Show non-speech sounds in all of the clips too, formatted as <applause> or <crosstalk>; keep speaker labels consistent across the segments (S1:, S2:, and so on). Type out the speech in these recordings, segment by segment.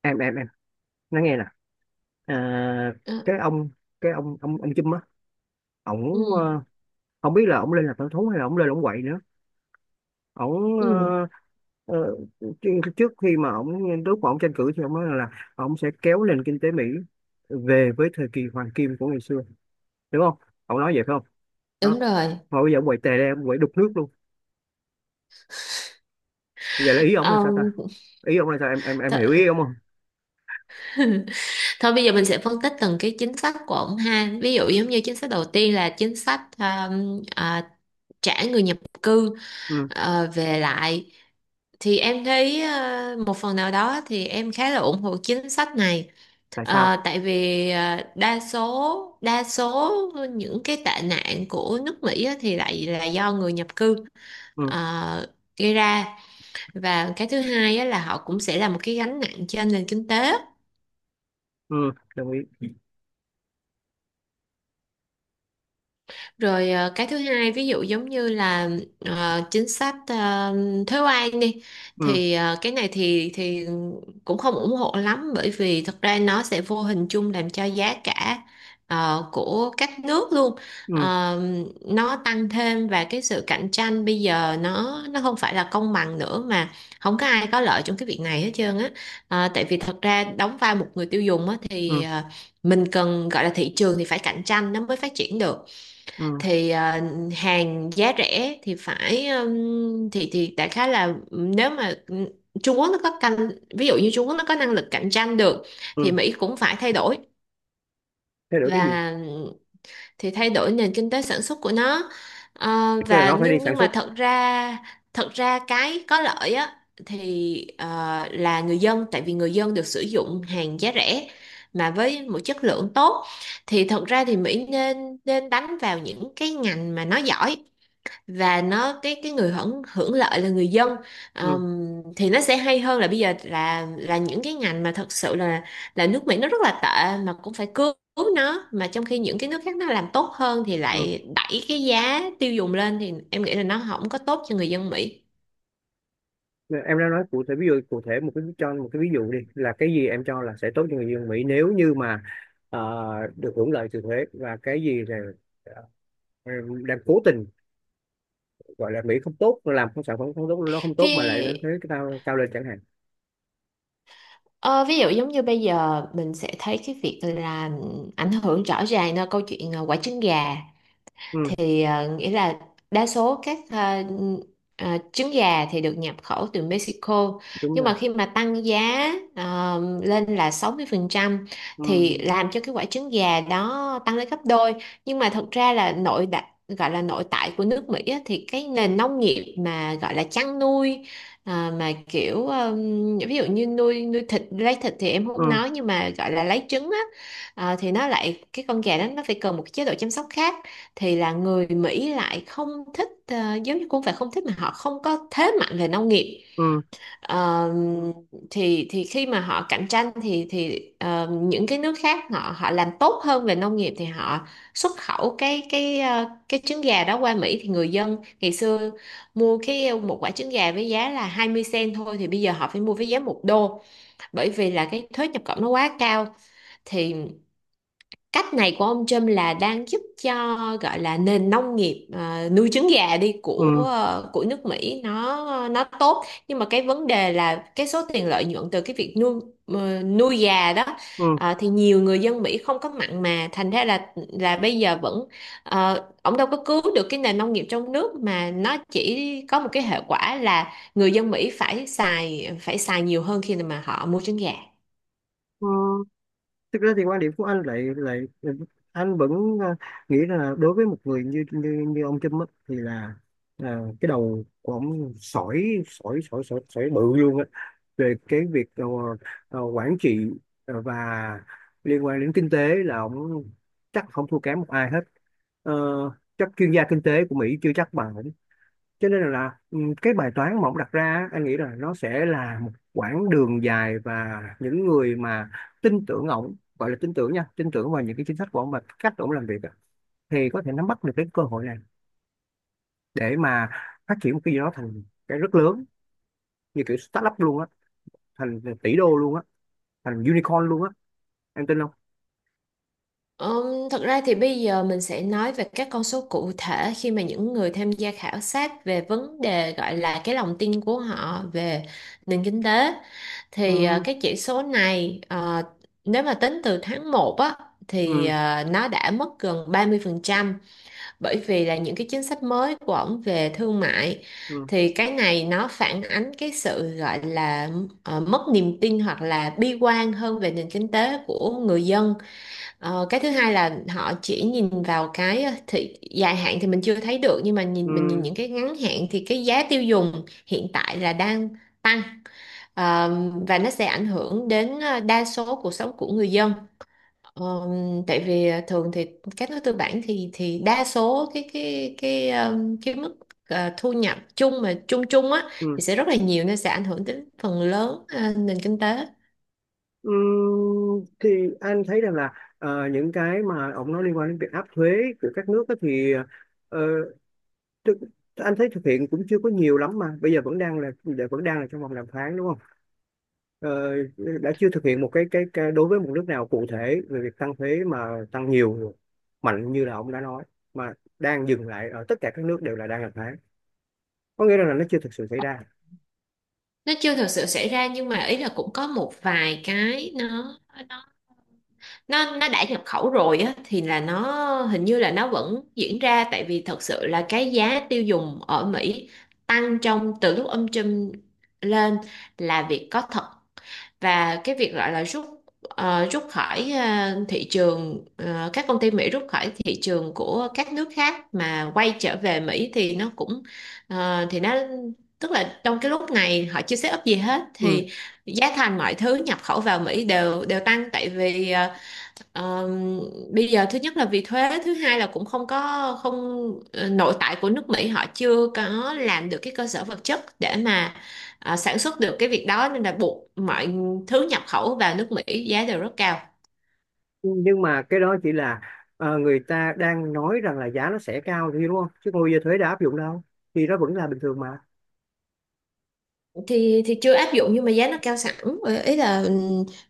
S1: Em nói nghe nè. À,
S2: Ờ,
S1: cái ông cái ông Chum á, ổng...
S2: ừ,
S1: không biết là ổng lên làm thợ thú hay là ổng lên ổng quậy nữa. ổng
S2: ừ,
S1: ờ, ờ, trước trước khi mà ổng, lúc mà ổng tranh cử thì ổng nói là ổng sẽ kéo nền kinh tế Mỹ về với thời kỳ hoàng kim của ngày xưa, đúng không? Ổng nói vậy phải không? Đó.
S2: đúng rồi.
S1: Mà bây giờ ổng quậy tè ra, ổng quậy đục nước luôn. Bây giờ là ý ổng là sao ta?
S2: Ông
S1: Ý ổng là sao, em
S2: th
S1: hiểu ý ổng không?
S2: <laughs> Thôi bây giờ mình sẽ phân tích từng cái chính sách của ông ha. Ví dụ giống như chính sách đầu tiên là chính sách trả người nhập cư
S1: Ừ.
S2: về lại. Thì em thấy một phần nào đó thì em khá là ủng hộ chính sách này.
S1: Tại sao?
S2: Tại vì đa số những cái tệ nạn của nước Mỹ á thì lại là do người nhập cư
S1: Ừ.
S2: ờ, gây ra, và cái thứ hai á, là họ cũng sẽ là một cái gánh nặng trên nền kinh tế.
S1: Ừ, đồng ý.
S2: Rồi, cái thứ hai, ví dụ giống như là chính sách thuế quan đi,
S1: Ừ.
S2: thì cái này thì cũng không ủng hộ lắm, bởi vì thật ra nó sẽ vô hình chung làm cho giá cả của các nước luôn
S1: Ừ.
S2: ờ, nó tăng thêm, và cái sự cạnh tranh bây giờ nó không phải là công bằng nữa, mà không có ai có lợi trong cái việc này hết trơn á. Tại vì thật ra đóng vai một người tiêu dùng á, thì
S1: Ừ.
S2: mình cần, gọi là thị trường thì phải cạnh tranh nó mới phát triển được.
S1: Ừ.
S2: Thì hàng giá rẻ thì phải thì đại khái là nếu mà Trung Quốc nó có canh ví dụ như Trung Quốc nó có năng lực cạnh tranh được, thì
S1: Ừ.
S2: Mỹ cũng phải
S1: Thay đổi cái gì?
S2: và thay đổi nền kinh tế sản xuất của nó. Ờ,
S1: Tức là
S2: và
S1: nó phải đi
S2: nhưng
S1: sản
S2: nhưng
S1: xuất.
S2: mà thật ra cái có lợi á, thì là người dân, tại vì người dân được sử dụng hàng giá rẻ mà với một chất lượng tốt. Thì thật ra thì Mỹ nên nên đánh vào những cái ngành mà nó giỏi, và nó, cái người hưởng hưởng lợi là người dân.
S1: Ừ.
S2: Ờm, thì nó sẽ hay hơn là bây giờ là những cái ngành mà thật sự là nước Mỹ nó rất là tệ, mà cũng phải cứu cứu nó, mà trong khi những cái nước khác nó làm tốt hơn thì
S1: Ừ.
S2: lại đẩy cái giá tiêu dùng lên, thì em nghĩ là nó không có tốt cho người dân Mỹ.
S1: Em đã nói cụ thể, ví dụ cụ thể một cái, cho một cái ví dụ đi là cái gì em cho là sẽ tốt cho người dân Mỹ nếu như mà ờ, được hưởng lợi từ thuế, và cái gì là ờ, đang cố tình gọi là Mỹ không tốt, làm không sản phẩm không tốt, nó không tốt mà lại
S2: cái
S1: đánh thuế cái cao cao lên chẳng hạn.
S2: ờ, Ví dụ giống như bây giờ mình sẽ thấy cái việc là ảnh hưởng rõ ràng, là câu chuyện quả trứng gà,
S1: Ừ.
S2: thì nghĩa là đa số các trứng gà thì được nhập khẩu từ Mexico.
S1: Đúng
S2: Nhưng
S1: rồi.
S2: mà khi mà tăng giá lên là 60%,
S1: Ừ.
S2: thì làm cho cái quả trứng gà đó tăng lên gấp đôi. Nhưng mà thật ra là nội đại gọi là nội tại của nước Mỹ á, thì cái nền nông nghiệp mà gọi là chăn nuôi, mà kiểu, ví dụ như nuôi nuôi thịt lấy thịt thì em không
S1: Ừ.
S2: nói, nhưng mà gọi là lấy trứng á, thì nó, lại cái con gà đó nó phải cần một cái chế độ chăm sóc khác. Thì là người Mỹ lại không thích, giống như không phải không thích, mà họ không có thế mạnh về nông nghiệp.
S1: Ừ.
S2: Ờ, thì khi mà họ cạnh tranh thì những cái nước khác, họ họ làm tốt hơn về nông nghiệp, thì họ xuất khẩu cái trứng gà đó qua Mỹ, thì người dân ngày xưa mua một quả trứng gà với giá là 20 cent thôi, thì bây giờ họ phải mua với giá $1, bởi vì là cái thuế nhập khẩu nó quá cao. Thì cách này của ông Trump là đang giúp cho, gọi là nền nông nghiệp, nuôi trứng gà đi, của
S1: Ừ.
S2: ờ, của nước Mỹ, nó tốt, nhưng mà cái vấn đề là cái số tiền lợi nhuận từ cái việc nuôi gà đó,
S1: Ừ.
S2: thì nhiều người dân Mỹ không có mặn mà, thành ra là bây giờ vẫn, ông đâu có cứu được cái nền nông nghiệp trong nước, mà nó chỉ có một cái hệ quả là người dân Mỹ phải xài nhiều hơn khi mà họ mua trứng gà.
S1: Ừ. Thực ra thì quan điểm của anh lại lại ừ, anh vẫn ờ, nghĩ là đối với một người như như, như ông Trump á, thì là cái đầu của ông sỏi sỏi sỏi sỏi sỏi bự luôn á, về cái việc quản trị và liên quan đến kinh tế là ông chắc không thua kém một ai hết. Ờ, chắc chuyên gia kinh tế của Mỹ chưa chắc bằng, cho nên là cái bài toán mà ông đặt ra á, anh nghĩ là nó sẽ là một quãng đường dài, và những người mà tin tưởng ông, gọi là tin tưởng nha, tin tưởng vào những cái chính sách của ông và cách ông làm việc á, thì có thể nắm bắt được cái cơ hội này để mà phát triển một cái gì đó thành cái rất lớn, như kiểu startup luôn á, thành tỷ đô luôn á, thành unicorn luôn á. Em tin không?
S2: Thật ra thì bây giờ mình sẽ nói về các con số cụ thể, khi mà những người tham gia khảo sát về vấn đề, gọi là cái lòng tin của họ về nền kinh tế, thì
S1: Ừm.
S2: cái chỉ số này, nếu mà tính từ tháng 1 á, thì
S1: Ừm.
S2: nó đã mất gần 30%, bởi vì là những cái chính sách mới của ổng về thương mại.
S1: Ừm.
S2: Thì cái này nó phản ánh cái sự, gọi là mất niềm tin, hoặc là bi quan hơn về nền kinh tế của người dân. Cái thứ hai là họ chỉ nhìn vào cái, thị dài hạn thì mình chưa thấy được, nhưng mà nhìn, mình nhìn
S1: Ừm.
S2: những cái ngắn hạn thì cái giá tiêu dùng hiện tại là đang tăng. Ờ, và nó sẽ ảnh hưởng đến đa số cuộc sống của người dân. Ờ, Tại vì thường thì các nước tư bản thì đa số cái mức, thu nhập chung mà chung chung á,
S1: Ừm.
S2: thì sẽ rất là nhiều, nên sẽ ảnh hưởng đến phần lớn nền kinh tế.
S1: Ừm, thì anh thấy rằng là những cái mà ông nói liên quan đến việc áp thuế của các nước á, thì thực, anh thấy thực hiện cũng chưa có nhiều lắm, mà bây giờ vẫn đang là vẫn đang là trong vòng đàm phán, đúng không? ờ, đã chưa thực hiện một cái đối với một nước nào cụ thể về việc tăng thuế mà tăng nhiều, mạnh như là ông đã nói, mà đang dừng lại ở tất cả các nước đều là đang đàm phán, có nghĩa là nó chưa thực sự xảy ra.
S2: Nó chưa thực sự xảy ra, nhưng mà ý là cũng có một vài cái, nó nó đã nhập khẩu rồi á, thì là nó, hình như là nó vẫn diễn ra, tại vì thật sự là cái giá tiêu dùng ở Mỹ tăng trong, từ lúc ông Trump lên, là việc có thật. Và cái việc gọi là rút khỏi, thị trường, các công ty Mỹ rút khỏi thị trường của các nước khác mà quay trở về Mỹ, thì nó cũng, thì nó, tức là trong cái lúc này họ chưa set up gì hết,
S1: Ừ.
S2: thì giá thành mọi thứ nhập khẩu vào Mỹ đều đều tăng, tại vì Ờ, bây giờ thứ nhất là vì thuế, thứ hai là cũng không có, không ờ, nội tại của nước Mỹ họ chưa có làm được cái cơ sở vật chất để mà sản xuất được cái việc đó, nên là buộc mọi thứ nhập khẩu vào nước Mỹ giá đều rất cao.
S1: Nhưng mà cái đó chỉ là người ta đang nói rằng là giá nó sẽ cao, thì đúng không, chứ còn bây giờ thuế đã áp dụng đâu, thì nó vẫn là bình thường mà.
S2: Thì chưa áp dụng, nhưng mà giá nó cao sẵn. Ý là,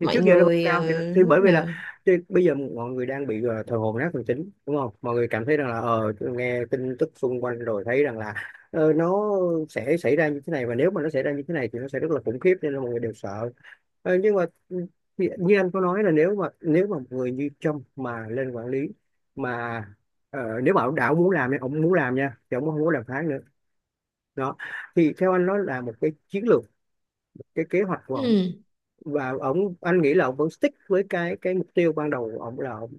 S1: Thì
S2: mọi
S1: trước giờ nó vẫn
S2: người,
S1: cao thì bởi
S2: lúc
S1: vì là
S2: nào
S1: thì bây giờ mọi người đang bị thờ hồn nát thần tính, đúng không? Mọi người cảm thấy rằng là nghe tin tức xung quanh rồi thấy rằng là nó sẽ xảy ra như thế này, và nếu mà nó xảy ra như thế này thì nó sẽ rất là khủng khiếp, nên là mọi người đều sợ. Ờ, nhưng mà như như anh có nói, là nếu mà một người như Trump mà lên quản lý, mà nếu mà ông đã muốn làm nha, ông muốn làm nha, thì ông không muốn đàm phán nữa. Đó. Thì theo anh nó là một cái chiến lược, cái kế hoạch của ông.
S2: ừ.
S1: Và ông, anh nghĩ là ông vẫn stick với cái mục tiêu ban đầu của ông, là ông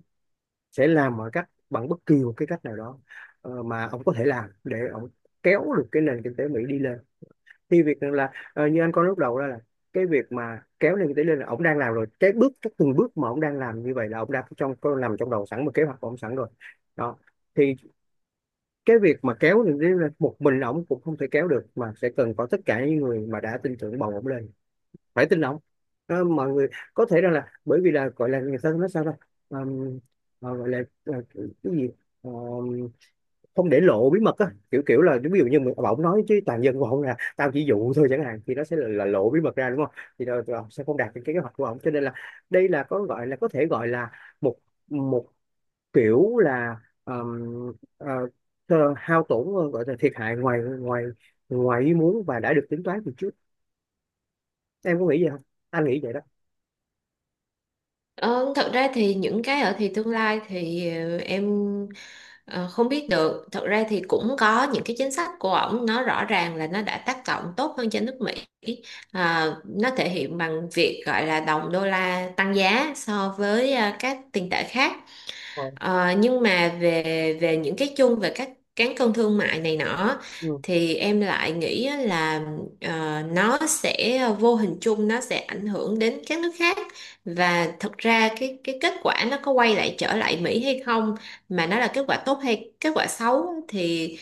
S1: sẽ làm mọi cách bằng bất kỳ một cái cách nào đó mà ông có thể làm để ông kéo được cái nền kinh tế Mỹ đi lên. Thì việc là như anh có lúc đầu đó, là cái việc mà kéo nền kinh tế lên là ông đang làm rồi, cái từng bước mà ông đang làm như vậy là ông đã, trong có nằm trong đầu sẵn một kế hoạch của ông sẵn rồi. Đó. Thì cái việc mà kéo nền kinh tế lên một mình ông cũng không thể kéo được, mà sẽ cần có tất cả những người mà đã tin tưởng bầu ông lên phải tin ông. Ờ, mọi người có thể rằng là bởi vì là gọi là người ta nói sao đó, gọi là cái gì, ờ, không để lộ bí mật á, kiểu kiểu là ví dụ như mình ông nói chứ toàn dân của ông là tao chỉ dụ thôi chẳng hạn, thì nó sẽ là lộ bí mật ra, đúng không? Thì đâu ông sẽ không đạt được cái kế hoạch của ông, cho nên là đây là có gọi là có thể gọi là một một kiểu là ờ, hao tổn, gọi là thiệt hại ngoài ngoài ngoài ý muốn và đã được tính toán từ trước. Em có nghĩ vậy không? Anh nghĩ vậy đó.
S2: Ờ, Thật ra thì những cái ở thì tương lai thì em, ờ, không biết được. Thật ra thì cũng có những cái chính sách của ổng nó rõ ràng là nó đã tác động tốt hơn cho nước Mỹ. À, nó thể hiện bằng việc gọi là đồng đô la tăng giá so với các tiền tệ khác.
S1: Ờ.
S2: Nhưng mà về về những cái chung, về các cán cân thương mại này nọ,
S1: Ừ.
S2: thì em lại nghĩ á là nó sẽ vô hình chung, nó sẽ ảnh hưởng đến các nước khác. Và thật ra cái kết quả nó có quay lại, trở lại Mỹ hay không, mà nó là kết quả tốt hay kết quả xấu á, thì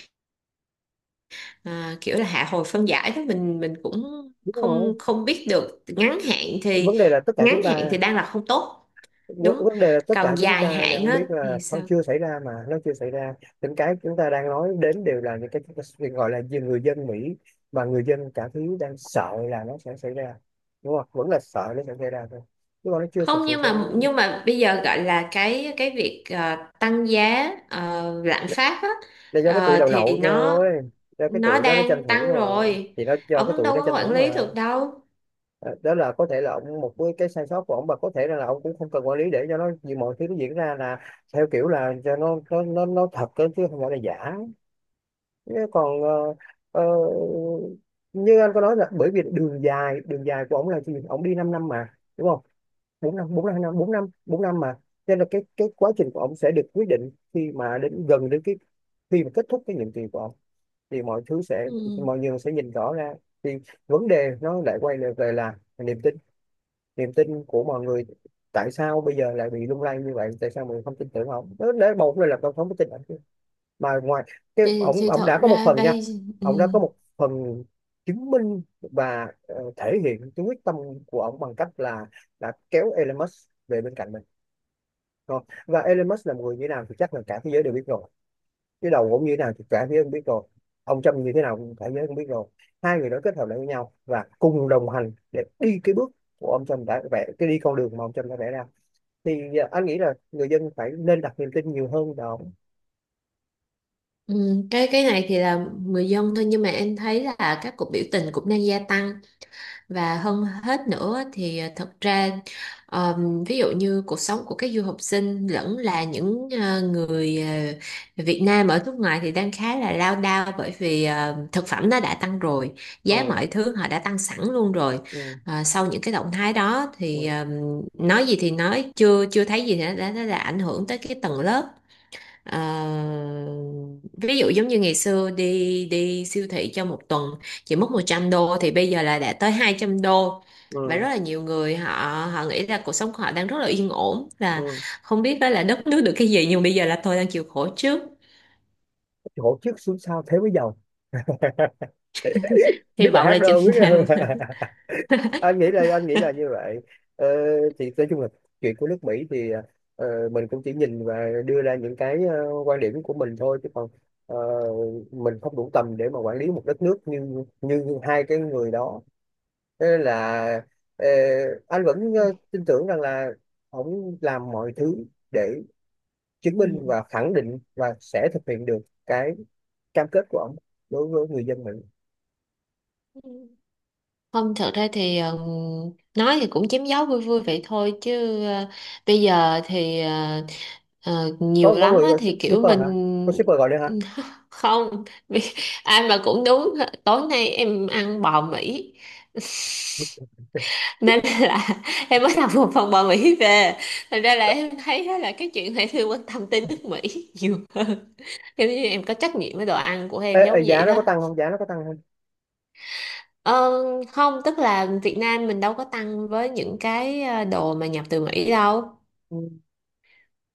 S2: ờ, kiểu là hạ hồi phân giải đó, mình cũng
S1: Đúng rồi.
S2: không không biết được.
S1: Vấn đề là tất cả chúng
S2: Ngắn hạn thì
S1: ta,
S2: đang là không tốt.
S1: vấn
S2: Đúng.
S1: vấn đề là tất cả
S2: Còn
S1: chúng
S2: dài
S1: ta
S2: hạn
S1: đang
S2: á
S1: biết là
S2: thì
S1: nó
S2: sao?
S1: chưa xảy ra, mà nó chưa xảy ra. Những cái chúng ta đang nói đến đều là những cái chúng ta được, gọi là gì, người dân Mỹ và người dân cả thứ đang sợ là nó sẽ xảy ra, đúng không? Vẫn là sợ nó sẽ xảy ra thôi, chứ còn nó chưa thực
S2: Không,
S1: sự
S2: nhưng
S1: sẽ
S2: mà nhưng mà bây giờ gọi là cái việc tăng giá, lạm
S1: là,
S2: phát á,
S1: là do cái tụi đầu
S2: thì
S1: nậu
S2: nó
S1: thôi, do cái
S2: nó
S1: tụi đó nó tranh
S2: đang
S1: thủ
S2: tăng
S1: rồi,
S2: rồi.
S1: thì nó do cái
S2: Ông
S1: tụi
S2: đâu
S1: nó
S2: có
S1: tranh
S2: quản
S1: thủ
S2: lý
S1: mà.
S2: được đâu.
S1: Ờ, đó là có thể là ông một cái sai sót của ông, và có thể là ông cũng không cần quản lý để cho nó, như mọi thứ nó diễn ra là theo kiểu là cho nó thật cơ, chứ không phải là giả. Thế còn ờ, như anh có nói là bởi vì đường dài, đường dài của ông là gì, ông đi 5 năm năm mà, đúng không? Bốn năm bốn năm bốn năm mà, cho nên là cái quá trình của ông sẽ được quyết định khi mà đến gần đến cái khi mà kết thúc cái nhiệm kỳ của ông, thì mọi thứ sẽ,
S2: Ừ.
S1: mọi người sẽ nhìn rõ ra. Thì vấn đề nó lại quay lại về là niềm tin, niềm tin của mọi người. Tại sao bây giờ lại bị lung lay như vậy, tại sao mọi người không tin tưởng ông đó, để một là tôi không có tin ổng mà ngoài cái
S2: thì
S1: ổng
S2: thì
S1: ổng
S2: thật
S1: đã có một
S2: ra
S1: phần nha,
S2: đây. Ừ.
S1: ổng đã có một phần chứng minh và thể hiện cái quyết tâm của ổng bằng cách là đã kéo Elon Musk về bên cạnh mình. Rồi. Và Elon Musk là một người như thế nào thì chắc là cả thế giới đều biết rồi, chứ đầu cũng như thế nào thì cả phía không biết rồi, ông Trump như thế nào cũng cả giới không biết rồi. Hai người đó kết hợp lại với nhau và cùng đồng hành để đi cái bước của ông Trump đã vẽ, cái đi con đường mà ông Trump đã vẽ ra, thì à, anh nghĩ là người dân phải nên đặt niềm tin nhiều hơn vào.
S2: Ừ. Cái này thì là người dân thôi, nhưng mà em thấy là các cuộc biểu tình cũng đang gia tăng. Và hơn hết nữa thì à, thật ra, ví dụ như cuộc sống của các du học sinh, lẫn là những người Việt Nam ở nước ngoài, thì đang khá là lao đao, bởi vì thực phẩm nó đã tăng rồi, giá
S1: Ừ.
S2: mọi thứ họ đã tăng sẵn luôn rồi.
S1: Ừ.
S2: Sau những cái động thái đó
S1: Ừ.
S2: thì, nói gì thì nói, chưa chưa thấy gì thì nó đã ảnh hưởng tới cái tầng lớp. Ờ, Ví dụ giống như ngày xưa đi đi siêu thị cho một tuần chỉ mất $100, thì bây giờ là đã tới $200. Và
S1: Ừ.
S2: rất là nhiều người, họ họ nghĩ là cuộc sống của họ đang rất là yên ổn, là
S1: Ừ.
S2: không biết đó là đất nước được cái gì, nhưng bây giờ là tôi đang chịu khổ trước.
S1: Chỗ trước xuống sau thế mới giàu. <laughs>
S2: Hy
S1: Biết bài
S2: vọng
S1: hát
S2: là chừng
S1: đâu biết.
S2: nào.
S1: <laughs> Anh nghĩ là anh nghĩ là như vậy. ờ, thì nói chung là chuyện của nước Mỹ thì mình cũng chỉ nhìn và đưa ra những cái quan điểm của mình thôi, chứ còn ờ, mình không đủ tầm để mà quản lý một đất nước như như hai cái người đó. Thế nên là ờ, anh vẫn
S2: <laughs>
S1: tin tưởng rằng là ông làm mọi thứ để chứng minh và khẳng định và sẽ thực hiện được cái cam kết của ông đối với người dân Mỹ.
S2: Không, thật ra thì nói thì cũng chém gió vui vui vậy thôi, chứ bây giờ thì nhiều
S1: Có
S2: lắm
S1: người
S2: á,
S1: gọi
S2: thì kiểu
S1: shipper
S2: mình
S1: hả? Có shipper gọi đây hả?
S2: <laughs> không. <laughs> Ai mà cũng đúng. Tối nay em ăn bò Mỹ, <laughs> nên là em mới làm một phần bò Mỹ về, thành ra là em thấy á, là cái chuyện này thì quan tâm tới nước Mỹ nhiều hơn. <laughs> Giống như em có trách nhiệm với đồ ăn của
S1: Ê,
S2: em, giống
S1: ê,
S2: vậy
S1: giá nó
S2: đó.
S1: có tăng không? Giá nó có tăng?
S2: Ờ, Không, tức là Việt Nam mình đâu có tăng với những cái đồ mà nhập từ Mỹ đâu,
S1: Ừ.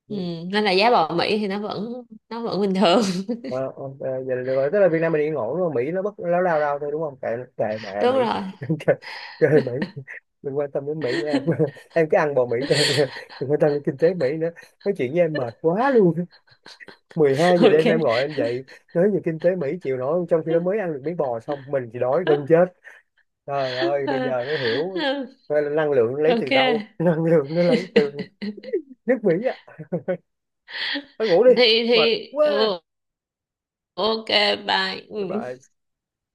S2: ừ, nên là giá bò Mỹ thì nó vẫn bình thường.
S1: Ờ, ok, vậy là được rồi. Tức là Việt Nam mình yên ổn đúng không? Mỹ nó bất láo lao lao thôi đúng không? Kệ, kệ
S2: <laughs>
S1: mẹ Mỹ.
S2: Đúng rồi.
S1: <laughs> Chơi, chơi Mỹ. Đừng quan tâm đến Mỹ nữa em. <laughs> Em cứ ăn bò Mỹ thôi. <laughs> Đừng quan tâm đến kinh tế Mỹ nữa. Nói chuyện với em mệt quá luôn. <laughs> mười hai
S2: <laughs>
S1: giờ
S2: Ok.
S1: đêm em gọi anh dậy. Nói về kinh tế Mỹ chịu nổi không? Trong khi đó mới ăn được miếng bò xong, mình chỉ đói gần chết. Trời ơi, bây giờ mới hiểu.
S2: <laughs>
S1: Coi là năng lượng lấy
S2: Ok,
S1: từ đâu. <laughs> Năng lượng nó lấy từ nước Mỹ á. Thôi ngủ đi.
S2: thì
S1: Mệt
S2: thì
S1: quá.
S2: ok. Bye.
S1: Bye
S2: Ừ.
S1: bye.